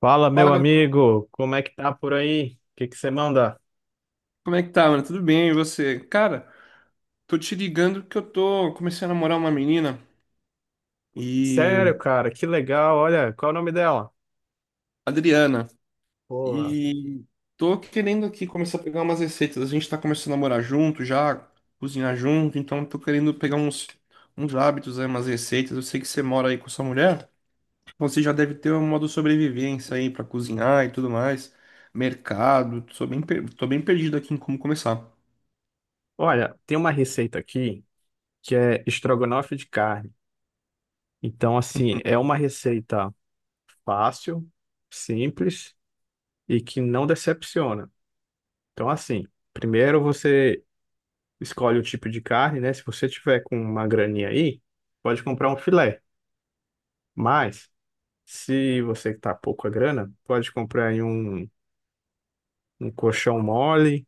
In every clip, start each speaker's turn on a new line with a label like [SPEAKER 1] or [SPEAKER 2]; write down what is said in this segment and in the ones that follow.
[SPEAKER 1] Fala,
[SPEAKER 2] Fala,
[SPEAKER 1] meu
[SPEAKER 2] Gabriel,
[SPEAKER 1] amigo, como é que tá por aí? O que que você manda?
[SPEAKER 2] como é que tá, mano? Tudo bem, e você? Cara, tô te ligando que eu tô comecei a namorar uma menina e
[SPEAKER 1] Sério, cara, que legal. Olha, qual é o nome dela?
[SPEAKER 2] Adriana.
[SPEAKER 1] Boa.
[SPEAKER 2] E tô querendo aqui começar a pegar umas receitas. A gente tá começando a morar junto já, cozinhar junto, então tô querendo pegar uns hábitos, aí, umas receitas. Eu sei que você mora aí com sua mulher, então você já deve ter um modo de sobrevivência aí pra cozinhar e tudo mais. Mercado, tô bem perdido aqui em como começar.
[SPEAKER 1] Olha, tem uma receita aqui que é estrogonofe de carne. Então, assim, é uma receita fácil, simples e que não decepciona. Então, assim, primeiro você escolhe o tipo de carne, né? Se você tiver com uma graninha aí, pode comprar um filé. Mas, se você tá pouco a grana, pode comprar aí um colchão mole,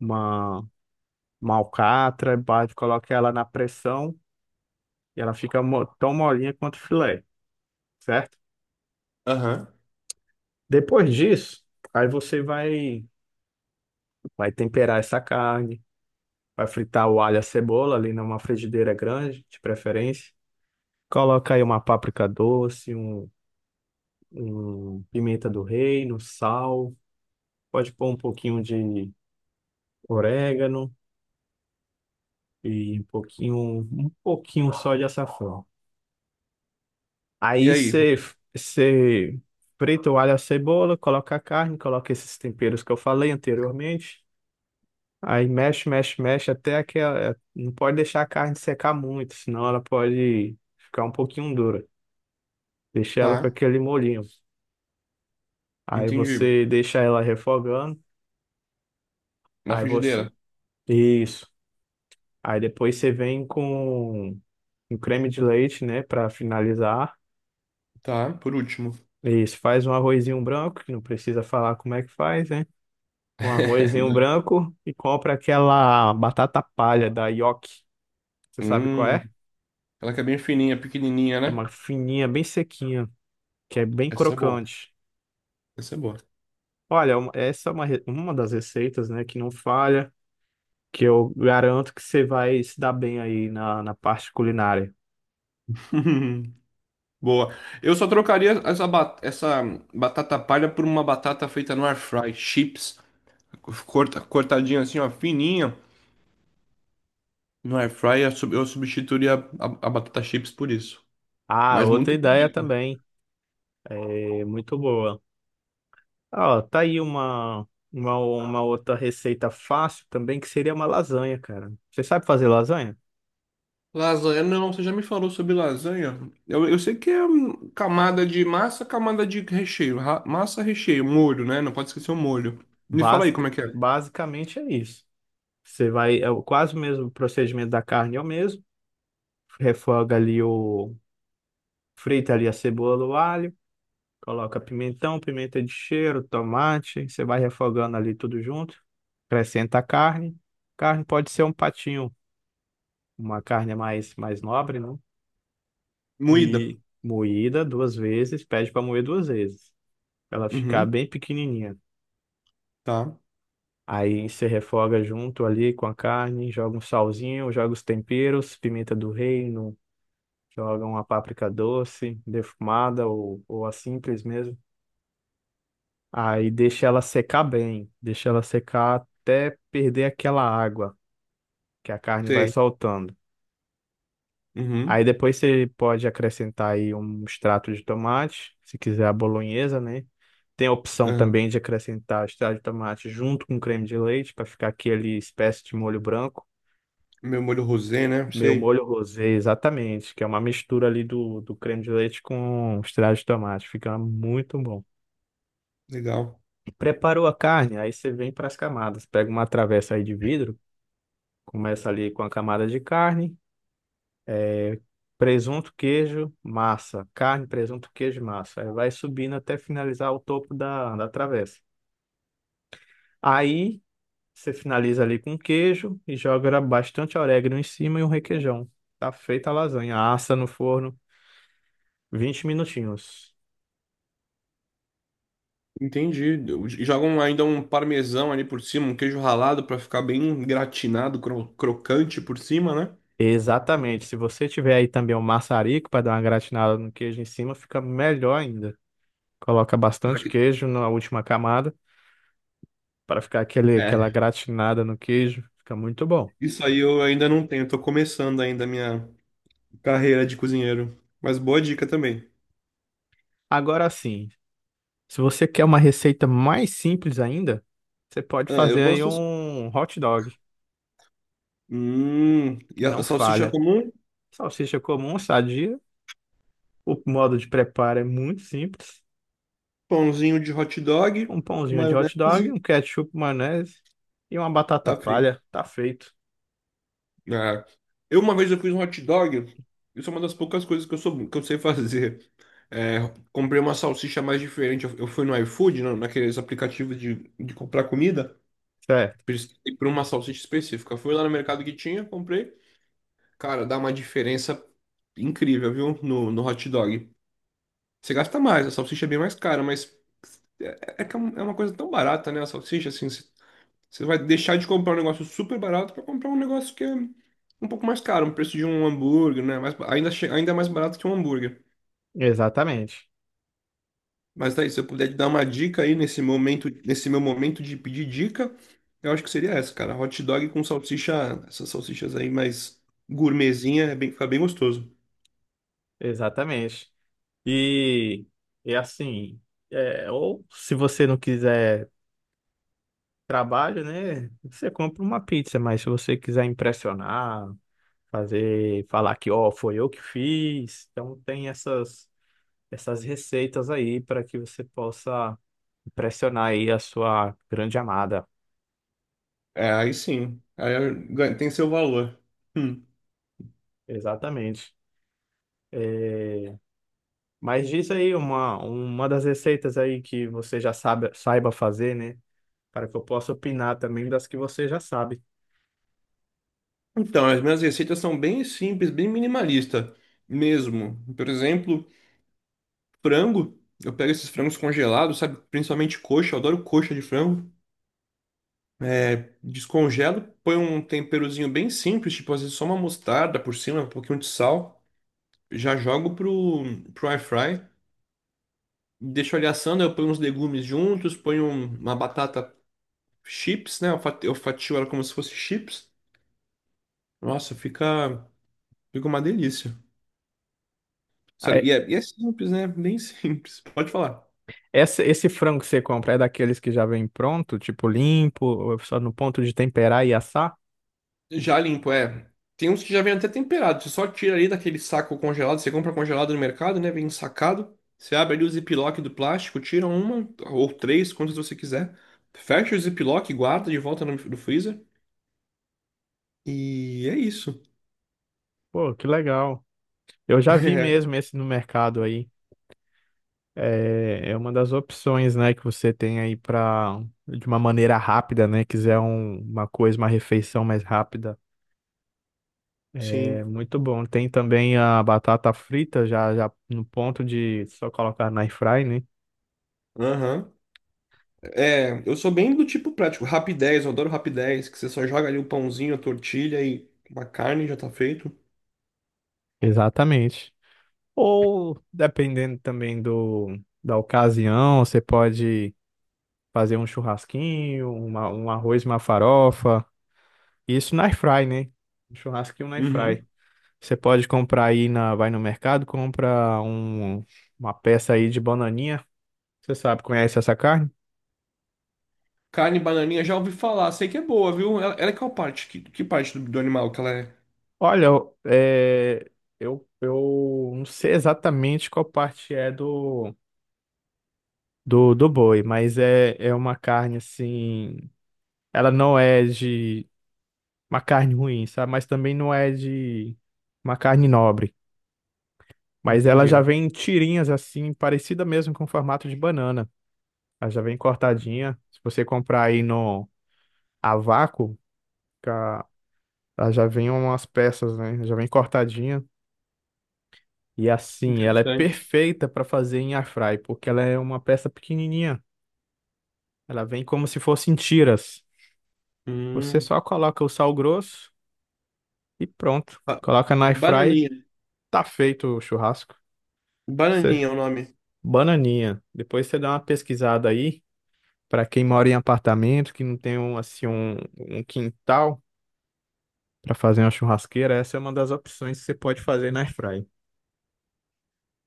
[SPEAKER 1] uma, uma alcatra, bate, coloca ela na pressão e ela fica tão molinha quanto filé, certo?
[SPEAKER 2] Aham.
[SPEAKER 1] Depois disso, aí você vai, vai temperar essa carne, vai fritar o alho e a cebola ali numa frigideira grande, de preferência. Coloca aí uma páprica doce, um pimenta do reino, sal, pode pôr um pouquinho de orégano e um pouquinho só de açafrão.
[SPEAKER 2] E
[SPEAKER 1] Aí
[SPEAKER 2] aí?
[SPEAKER 1] você você frita o alho e a cebola, coloca a carne, coloca esses temperos que eu falei anteriormente. Aí mexe, mexe, mexe não pode deixar a carne secar muito, senão ela pode ficar um pouquinho dura. Deixa ela com
[SPEAKER 2] Tá,
[SPEAKER 1] aquele molhinho. Aí
[SPEAKER 2] entendi.
[SPEAKER 1] você deixa ela refogando.
[SPEAKER 2] Na
[SPEAKER 1] Aí você
[SPEAKER 2] frigideira.
[SPEAKER 1] isso. Aí depois você vem com um creme de leite, né, para finalizar.
[SPEAKER 2] Tá, por último.
[SPEAKER 1] Isso, faz um arrozinho branco, que não precisa falar como é que faz, né? Com arrozinho
[SPEAKER 2] Não.
[SPEAKER 1] branco e compra aquela batata palha da Yoki. Você sabe qual
[SPEAKER 2] Hum,
[SPEAKER 1] é?
[SPEAKER 2] ela que é bem fininha, pequenininha,
[SPEAKER 1] É
[SPEAKER 2] né?
[SPEAKER 1] uma fininha, bem sequinha, que é bem
[SPEAKER 2] Essa é boa.
[SPEAKER 1] crocante.
[SPEAKER 2] Essa é boa.
[SPEAKER 1] Olha, uma- essa é uma, re- uma das receitas, né, que não falha, que eu garanto que você vai se dar bem aí na parte culinária.
[SPEAKER 2] Boa. Eu só trocaria essa batata palha por uma batata feita no air fry, chips, cortadinha assim, ó, fininha. No air fry eu substituiria a batata chips por isso.
[SPEAKER 1] Ah,
[SPEAKER 2] Mas
[SPEAKER 1] outra
[SPEAKER 2] muito
[SPEAKER 1] ideia
[SPEAKER 2] bom.
[SPEAKER 1] também, é muito boa. Ó, tá aí uma outra receita fácil também, que seria uma lasanha, cara. Você sabe fazer lasanha?
[SPEAKER 2] Lasanha, não, você já me falou sobre lasanha. Eu sei que é camada de massa, camada de recheio. Massa, recheio, molho, né? Não pode esquecer o molho. Me fala aí como é que é.
[SPEAKER 1] Basicamente é isso. Você vai, é o- quase o mesmo procedimento da carne, é o mesmo. Refoga ali o, frita ali a cebola, o alho, coloca pimentão, pimenta de cheiro, tomate. Você vai refogando ali tudo junto. Acrescenta a carne. Carne pode ser um patinho, uma carne mais nobre, né?
[SPEAKER 2] Moída.
[SPEAKER 1] E moída 2 vezes, pede para moer 2 vezes, pra ela ficar
[SPEAKER 2] Uhum,
[SPEAKER 1] bem pequenininha.
[SPEAKER 2] tá.
[SPEAKER 1] Aí você refoga junto ali com a carne, joga um salzinho, joga os temperos, pimenta do reino. Jogam a páprica doce, defumada ou a simples mesmo. Aí deixa ela secar bem, deixa ela secar até perder aquela água que a carne vai
[SPEAKER 2] Sei.
[SPEAKER 1] soltando. Aí
[SPEAKER 2] Uhum.
[SPEAKER 1] depois você pode acrescentar aí um extrato de tomate, se quiser a bolonhesa, né? Tem a opção
[SPEAKER 2] Aham.
[SPEAKER 1] também de acrescentar extrato de tomate junto com creme de leite para ficar aquele espécie de molho branco.
[SPEAKER 2] Meu molho rosé, né?
[SPEAKER 1] Meu
[SPEAKER 2] Sei.
[SPEAKER 1] molho rosé, exatamente, que é uma mistura ali do creme de leite com extrato de tomate. Fica muito bom.
[SPEAKER 2] Legal.
[SPEAKER 1] Preparou a carne, aí você vem para as camadas. Pega uma travessa aí de vidro, começa ali com a camada de carne, é, presunto, queijo, massa. Carne, presunto, queijo, e massa. Aí vai subindo até finalizar o topo da travessa. Aí você finaliza ali com queijo e joga bastante orégano em cima e um requeijão. Tá feita a lasanha. Assa no forno 20 minutinhos.
[SPEAKER 2] Entendi. Eu, jogam ainda um parmesão ali por cima, um queijo ralado pra ficar bem gratinado, crocante por cima, né?
[SPEAKER 1] Exatamente. Se você tiver aí também um maçarico para dar uma gratinada no queijo em cima, fica melhor ainda. Coloca
[SPEAKER 2] Será
[SPEAKER 1] bastante
[SPEAKER 2] que,
[SPEAKER 1] queijo na última camada para ficar aquela
[SPEAKER 2] é.
[SPEAKER 1] gratinada no queijo. Fica muito bom.
[SPEAKER 2] Isso aí eu ainda não tenho, tô começando ainda a minha carreira de cozinheiro. Mas boa dica também.
[SPEAKER 1] Agora sim, se você quer uma receita mais simples ainda, você pode
[SPEAKER 2] Ah, eu
[SPEAKER 1] fazer aí
[SPEAKER 2] gosto assim.
[SPEAKER 1] um hot dog,
[SPEAKER 2] E
[SPEAKER 1] que
[SPEAKER 2] a
[SPEAKER 1] não
[SPEAKER 2] salsicha
[SPEAKER 1] falha.
[SPEAKER 2] comum,
[SPEAKER 1] Salsicha comum, sadia. O modo de preparo é muito simples.
[SPEAKER 2] pãozinho de hot dog,
[SPEAKER 1] Um pãozinho de hot dog,
[SPEAKER 2] maionese,
[SPEAKER 1] um ketchup, maionese e uma batata
[SPEAKER 2] tá feito.
[SPEAKER 1] palha. Tá feito.
[SPEAKER 2] Ah, eu uma vez eu fiz um hot dog. Isso é uma das poucas coisas que eu sei fazer. É, comprei uma salsicha mais diferente. Eu fui no iFood, naqueles aplicativos de comprar comida.
[SPEAKER 1] Certo.
[SPEAKER 2] Pesquisei por uma salsicha específica. Fui lá no mercado que tinha, comprei. Cara, dá uma diferença incrível, viu? No hot dog. Você gasta mais, a salsicha é bem mais cara, mas é que é uma coisa tão barata, né? A salsicha, assim, você vai deixar de comprar um negócio super barato para comprar um negócio que é um pouco mais caro, um preço de um hambúrguer, né? Mais, ainda, ainda mais barato que um hambúrguer.
[SPEAKER 1] Exatamente.
[SPEAKER 2] Mas daí, se eu puder te dar uma dica aí nesse momento, nesse meu momento de pedir dica, eu acho que seria essa, cara. Hot dog com salsicha, essas salsichas aí mais gourmetzinha, é bem, fica bem gostoso.
[SPEAKER 1] Exatamente. E, e assim, ou se você não quiser trabalho, né? Você compra uma pizza, mas se você quiser impressionar, fazer, falar que, ó, foi eu que fiz, então tem essas receitas aí para que você possa impressionar aí a sua grande amada.
[SPEAKER 2] É, aí sim, tem seu valor. Hum.
[SPEAKER 1] Exatamente. É, mas diz aí uma das receitas aí que você saiba fazer, né? Para que eu possa opinar também das que você já sabe.
[SPEAKER 2] Então, as minhas receitas são bem simples, bem minimalista mesmo. Por exemplo, frango. Eu pego esses frangos congelados, sabe? Principalmente coxa, eu adoro coxa de frango. É, descongelo, ponho um temperozinho bem simples, tipo às vezes só uma mostarda por cima, um pouquinho de sal. Já jogo pro air fry. Deixo ele assando, eu ponho uns legumes juntos, uma batata chips, né? Eu fatio ela como se fosse chips. Nossa, fica uma delícia. Sério, e é simples, né? Bem simples. Pode falar.
[SPEAKER 1] Essa, esse frango que você compra é daqueles que já vem pronto, tipo limpo, só no ponto de temperar e assar?
[SPEAKER 2] Já limpo, é. Tem uns que já vem até temperado. Você só tira ali daquele saco congelado. Você compra congelado no mercado, né? Vem sacado. Você abre ali o ziplock do plástico, tira uma ou três, quantas você quiser. Fecha o ziplock, guarda de volta no freezer. E é isso.
[SPEAKER 1] Pô, que legal. Eu já vi
[SPEAKER 2] É,
[SPEAKER 1] mesmo esse no mercado aí. É, é uma das opções, né, que você tem aí para de uma maneira rápida, né, quiser uma coisa, uma refeição mais rápida.
[SPEAKER 2] sim.
[SPEAKER 1] É muito bom. Tem também a batata frita, já no ponto de só colocar na airfry, né?
[SPEAKER 2] Aham. É, eu sou bem do tipo prático. Rapidez, eu adoro rapidez, que você só joga ali o pãozinho, a tortilha e uma carne já tá feito.
[SPEAKER 1] Exatamente. Ou, dependendo também da ocasião, você pode fazer um churrasquinho, um arroz, uma farofa. Isso na airfry, né? Um churrasquinho na
[SPEAKER 2] Uhum.
[SPEAKER 1] airfry. Você pode comprar aí, vai no mercado, uma peça aí de bananinha. Você sabe, conhece essa carne?
[SPEAKER 2] Carne bananinha, já ouvi falar, sei que é boa, viu? Ela é qual parte? Que parte do animal que ela é?
[SPEAKER 1] Olha, eu não sei exatamente qual parte é do boi, mas é uma carne assim. Ela não é de uma carne ruim, sabe? Mas também não é de uma carne nobre. Mas ela já
[SPEAKER 2] Entendi.
[SPEAKER 1] vem em tirinhas assim, parecida mesmo com o formato de banana. Ela já vem cortadinha. Se você comprar aí no a vácuo, ca- ela já vem umas peças, né? Já vem cortadinha. E assim, ela é
[SPEAKER 2] Interessante.
[SPEAKER 1] perfeita para fazer em airfry, porque ela é uma peça pequenininha. Ela vem como se fosse em tiras. Você
[SPEAKER 2] Hum.
[SPEAKER 1] só coloca o sal grosso e pronto.
[SPEAKER 2] Ba-
[SPEAKER 1] Coloca na airfry,
[SPEAKER 2] Bananinha.
[SPEAKER 1] tá feito o churrasco. Você,
[SPEAKER 2] Bananinha é o nome.
[SPEAKER 1] bananinha. Depois você dá uma pesquisada aí para quem mora em apartamento, que não tem um quintal para fazer uma churrasqueira, essa é uma das opções que você pode fazer na airfry.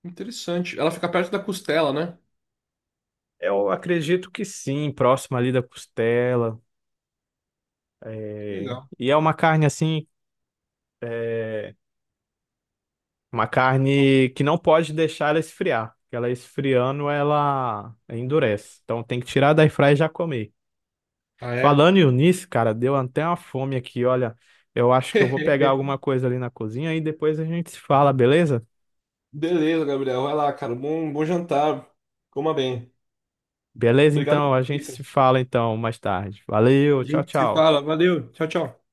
[SPEAKER 2] Interessante. Ela fica perto da costela, né?
[SPEAKER 1] Eu acredito que sim, próximo ali da costela.
[SPEAKER 2] Que
[SPEAKER 1] É,
[SPEAKER 2] legal.
[SPEAKER 1] e é uma carne assim. É uma carne que não pode deixar ela esfriar, porque ela esfriando, ela endurece. Então tem que tirar da airfryer e já comer.
[SPEAKER 2] Ah, é?
[SPEAKER 1] Falando nisso, cara, deu até uma fome aqui. Olha, eu acho que eu vou pegar alguma coisa ali na cozinha e depois a gente se fala, beleza?
[SPEAKER 2] Beleza, Gabriel. Vai lá, cara. Bom, bom jantar. Coma bem.
[SPEAKER 1] Beleza,
[SPEAKER 2] Obrigado
[SPEAKER 1] então,
[SPEAKER 2] pelas
[SPEAKER 1] a gente se
[SPEAKER 2] dicas.
[SPEAKER 1] fala então mais tarde. Valeu,
[SPEAKER 2] A
[SPEAKER 1] tchau,
[SPEAKER 2] gente se
[SPEAKER 1] tchau.
[SPEAKER 2] fala. Valeu. Tchau, tchau.